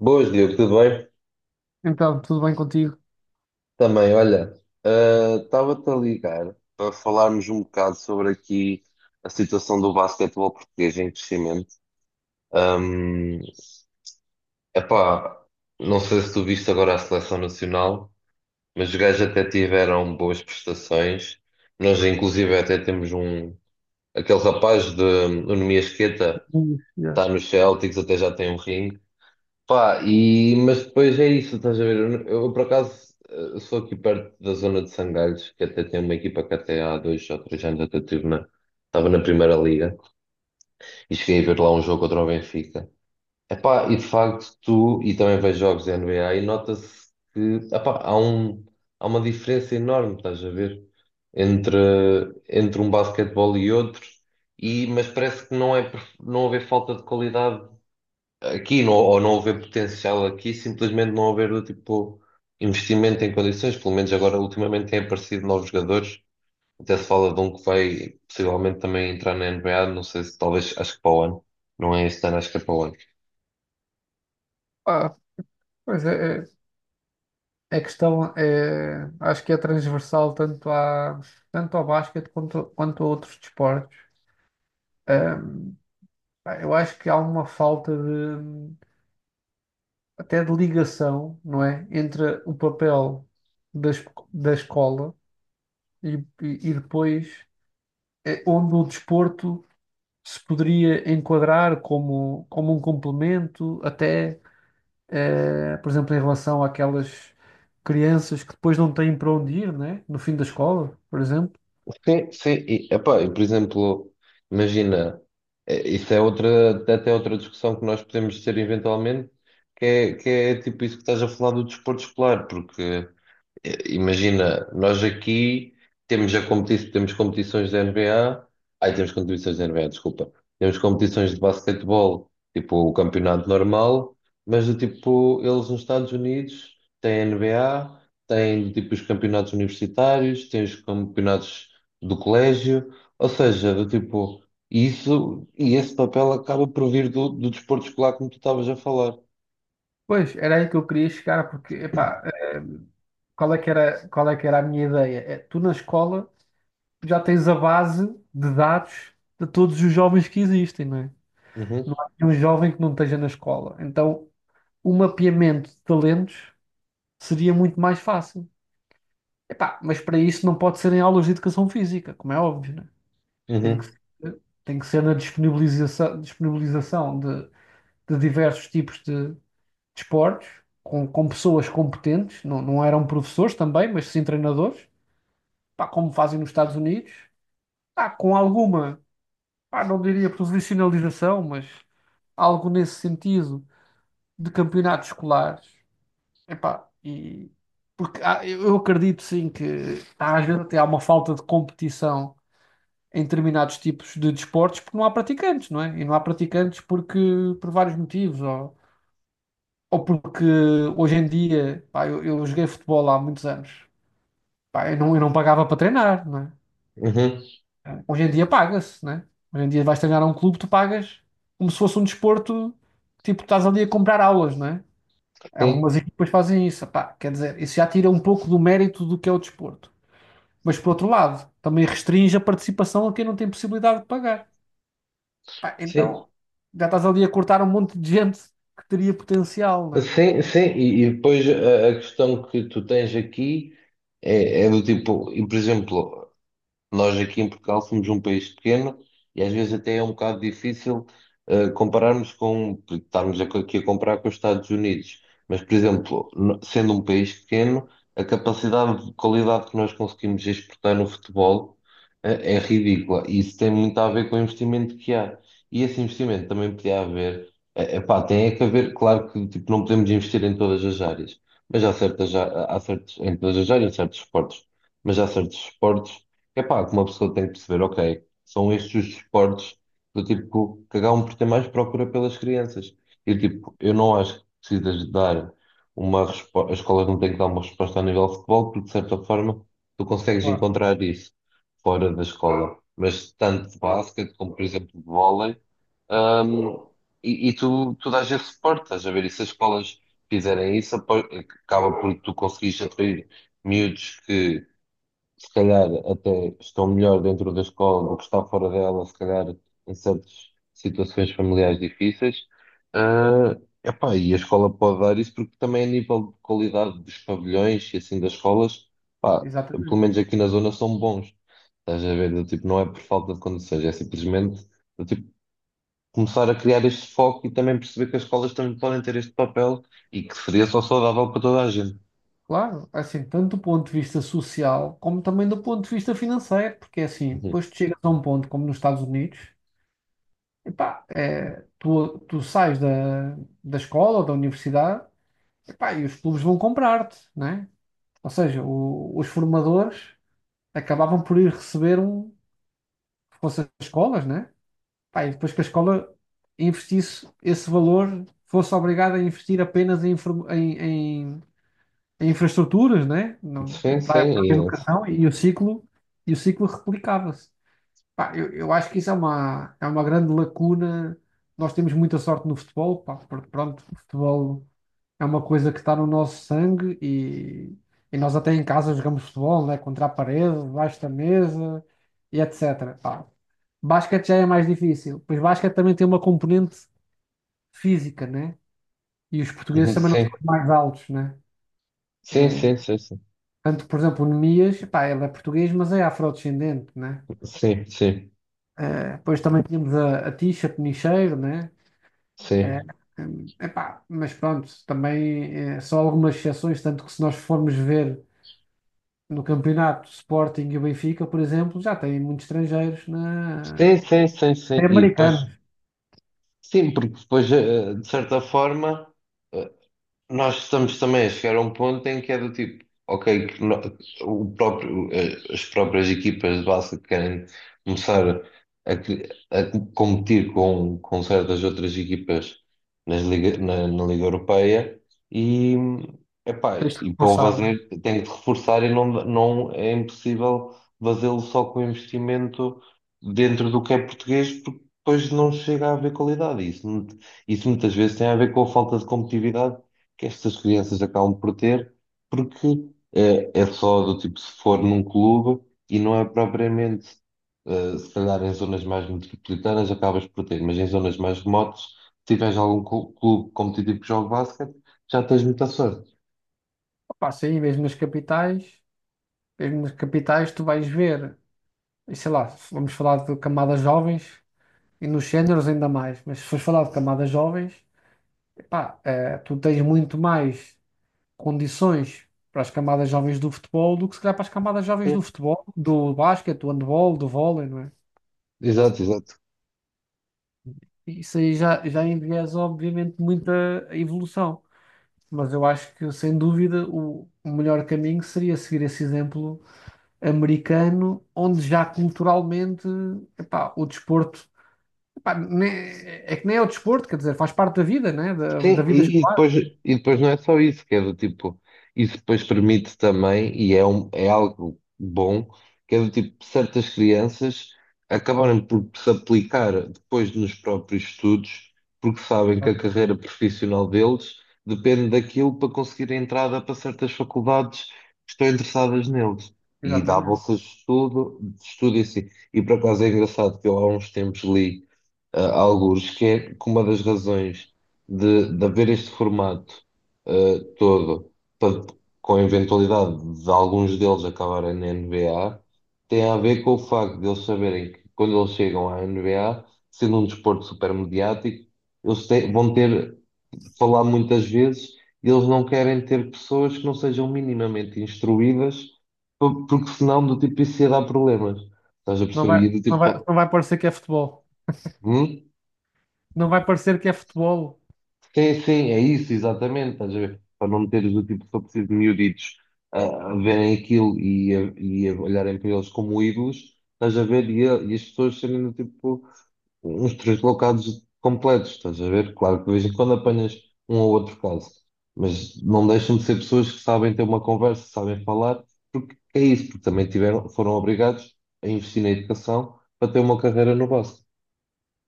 Boas, Diogo, tudo bem? Então, tudo bem contigo? Também, olha, estava-te a ligar para falarmos um bocado sobre aqui a situação do basquetebol português em crescimento. Ahm, Epá, não sei se tu viste agora a seleção nacional, mas os gajos até tiveram boas prestações. Nós, inclusive, até temos um, aquele rapaz, de, o Numi Esqueta, Yeah. está nos Celtics, até já tem um ring. Pá, e, mas depois é isso, estás a ver? Eu, por acaso sou aqui perto da zona de Sangalhos, que até tem uma equipa que até há dois ou três anos até tive na, estava na Primeira Liga e cheguei a ver lá um jogo contra o Benfica. Epá, e de facto tu, e também vejo jogos da NBA e nota-se que epá, há uma diferença enorme, estás a ver? Entre, entre um basquetebol e outro, e, mas parece que não é por não haver falta de qualidade aqui, não, ou não haver potencial aqui, simplesmente não haver do tipo investimento em condições. Pelo menos agora ultimamente têm aparecido novos jogadores, até se fala de um que vai possivelmente também entrar na NBA, não sei, se talvez, acho que para o ano, não é este ano, acho que é para o ano. Ah, Pois é, a questão é, acho que é transversal tanto ao basquete quanto a outros desportos. Ahm, Pá, eu acho que há uma falta de, até de ligação, não é? Entre o papel da, es- da escola e, e depois é, onde o desporto se poderia enquadrar como, como um complemento, até. Por exemplo, em relação àquelas crianças que depois não têm para onde ir, né? No fim da escola, por exemplo. Sim, sim, e, epá, e por exemplo, imagina, isso é outra, até outra discussão que nós podemos ter eventualmente, que é tipo isso que estás a falar do desporto escolar. Porque imagina, nós aqui temos, já competi temos competições da NBA, ai, temos competições da NBA, desculpa, temos competições de basquetebol, tipo o campeonato normal, mas do tipo, eles nos Estados Unidos têm N B a NBA, têm tipo os campeonatos universitários, têm os campeonatos do colégio, ou seja, do tipo, isso e esse papel acaba por vir do, do desporto escolar, como tu estavas a falar. Pois, era aí que eu queria chegar, porque, epá, qual é que era, qual é que era a minha ideia? É, tu na escola já tens a base de dados de todos os jovens que existem, não é? Uhum, Não há nenhum jovem que não esteja na escola. Então, o mapeamento de talentos seria muito mais fácil. Epá, mas para isso não pode ser em aulas de educação física, como é óbvio, né? Uhum, Tem que ser na disponibilização, disponibilização de diversos tipos de esportes, com pessoas competentes, não eram professores também, mas sim treinadores, pá, como fazem nos Estados Unidos, pá, com alguma, pá, não diria profissionalização, mas algo nesse sentido de campeonatos escolares. Epá, e eu acredito sim que há, às vezes até há uma falta de competição em determinados tipos de desportos porque não há praticantes, não é? E não há praticantes porque por vários motivos, ou porque hoje em dia, pá, eu joguei futebol há muitos anos, pá, eu não pagava para treinar, não é? uhum, Hoje em dia paga-se, não é? Hoje em dia vais treinar a um clube, tu pagas como se fosse um desporto, tipo, estás ali a comprar aulas, não é? sim, Algumas equipas fazem isso, pá, quer dizer, isso já tira um pouco do mérito do que é o desporto. Mas por outro lado, também restringe a participação a quem não tem possibilidade de pagar. Pá, sim. então já estás ali a cortar um monte de gente que teria potencial, né? Sim, sim, e depois a questão que tu tens aqui é do tipo, e por exemplo, nós aqui em Portugal somos um país pequeno e às vezes até é um bocado difícil compararmos, com, estarmos aqui a comparar com os Estados Unidos. Mas, por exemplo, no- sendo um país pequeno, a capacidade de qualidade que nós conseguimos exportar no futebol é ridícula. E isso tem muito a ver com o investimento que há. E esse investimento também podia haver, epá, tem é que haver. Claro que tipo, não podemos investir em todas as áreas, mas há certas, em todas as áreas, em certos esportes, mas há certos esportes, é pá, que uma pessoa tem que perceber, ok, são estes os esportes do tipo que acabam por ter mais procura pelas crianças. E tipo, eu não acho que precisas de dar uma resposta, a escola não tem que dar uma resposta a nível de futebol, porque de certa forma tu consegues Claro. encontrar isso fora da escola. Mas tanto de basquete como, por exemplo, de vôlei, hum, e tu dás esse suporte, estás a ver? E se as escolas fizerem isso, acaba por tu conseguires atrair miúdos que se calhar até estão melhor dentro da escola do que estão fora dela, se calhar em certas situações familiares difíceis. Ah, epá, e a escola pode dar isso porque também a nível de qualidade dos pavilhões e assim das escolas, pá, pelo Exatamente. menos aqui na zona são bons. Estás a ver? Do tipo, não é por falta de condições, é simplesmente do tipo começar a criar este foco e também perceber que as escolas também podem ter este papel e que seria só saudável para toda a gente. Claro, assim, tanto do ponto de vista social como também do ponto de vista financeiro, porque assim, Uhum. depois tu chegas a um ponto como nos Estados Unidos, epá, tu sais da, da escola ou da universidade, epá, e os clubes vão comprar-te, né? Ou seja, os formadores acabavam por ir receber um, se fosse as escolas, né? Pá, e depois que a escola investisse esse valor, fosse obrigada a investir apenas em- em infraestruturas, né? Sim, Para, para a sim, educação e o ciclo replicava-se. Pá, eu acho que isso é uma grande lacuna. Nós temos muita sorte no futebol, pá, porque pronto, o futebol é uma coisa que está no nosso sangue e nós até em casa jogamos futebol, né? Contra a parede, debaixo da mesa e etc. Pá, basquete já é mais difícil. Pois basquete também tem uma componente física, né? E os portugueses também não são sim, os mais altos, né? sim, É, sim, sim, sim. tanto, por exemplo, o Nemias, pá, ele é português, mas é afrodescendente, né? Sim, sim, É, depois também tínhamos a Tisha Penicheiro, né? É, sim. Epá, mas pronto, também é, só algumas exceções, tanto que se nós formos ver no campeonato Sporting e Benfica, por exemplo, já tem muitos estrangeiros na... Sim, sim, sim, sim. Tem E depois, americanos, sim, porque depois, de certa forma eh, nós estamos também a chegar a um ponto em que é do tipo, ok, que no- o próprio, as próprias equipas de base que querem começar a competir com certas outras equipas na Liga Europeia, e, epá, tens de e para o reforçar, né? fazer tem que reforçar e não, não é impossível fazê-lo só com investimento dentro do que é português, porque depois não chega a haver qualidade. Isso muitas vezes tem a ver com a falta de competitividade que estas crianças acabam por ter, porque é, só do tipo se for num clube, e não é propriamente, se calhar em zonas mais metropolitanas acabas por ter, mas em zonas mais remotas, se tiveres algum clube competitivo que jogue basquete, já tens muita sorte. Opa, sim, mesmo nas capitais. Mesmo nas capitais, tu vais ver, e sei lá, vamos falar de camadas jovens e nos séniores ainda mais, mas se fores falar de camadas jovens, epá, tu tens muito mais condições para as camadas jovens do futebol do que se calhar para as camadas jovens do Sim, futebol, do basquete, do handball, do vôlei, não é? exato, exato. E isso aí já, já enviesa, obviamente, muita evolução. Mas eu acho que, sem dúvida, o melhor caminho seria seguir esse exemplo americano, onde já culturalmente, epá, o desporto pá, é que nem é o desporto, quer dizer, faz parte da vida, né? Da, da Sim, vida e, e escolar. depois, e depois não é só isso, que é do tipo, isso depois permite também, é algo bom, que é do tipo, certas crianças acabarem por se aplicar depois nos próprios estudos, porque sabem que Claro. a carreira profissional deles depende daquilo para conseguir a entrada para certas faculdades que estão interessadas neles. E dá Exatamente. bolsas de estudo e assim. E por acaso é engraçado que eu há uns tempos li, ah, alguns, que é que uma das razões de haver este formato, todo, para- com a eventualidade de alguns deles acabarem na NBA, tem a ver com o facto de eles saberem que quando eles chegam à NBA, sendo um desporto super mediático, vão ter, falar muitas vezes, e eles não querem ter pessoas que não sejam minimamente instruídas, porque senão do tipo isso ia dar problemas. Estás a perceber? E do tipo, Não vai parecer que é futebol. hum? Não vai parecer que é futebol. Sim, sim, é isso, exatamente. Estás a ver? Para não meteres do tipo, só preciso de miúditos a verem aquilo e a olharem para eles como ídolos, estás a ver? E as pessoas serem do tipo uns translocados completos, estás a ver? Claro que de vez em quando apanhas um ou outro caso, mas não deixam de ser pessoas que sabem ter uma conversa, sabem falar, porque é isso, porque também tiveram, foram obrigados a investir na educação para ter uma carreira no básico.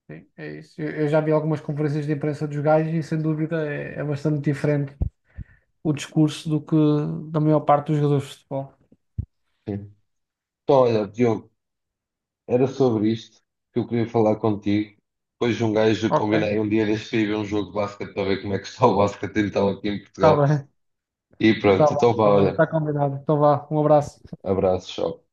Sim, é isso. Eu já vi algumas conferências de imprensa dos gajos e, sem dúvida, é bastante diferente o discurso do que da maior parte dos jogadores de futebol. Sim. Então, olha, Diogo, era sobre isto que eu queria falar contigo. Depois de um gajo Ok, combinei um dia deste para ir ver um jogo de basquete, para ver como é que está o basquete então aqui em está Portugal. bem, E pronto, então vá, está bem, olha, está combinado. Então vá, um abraço. abraços, tchau.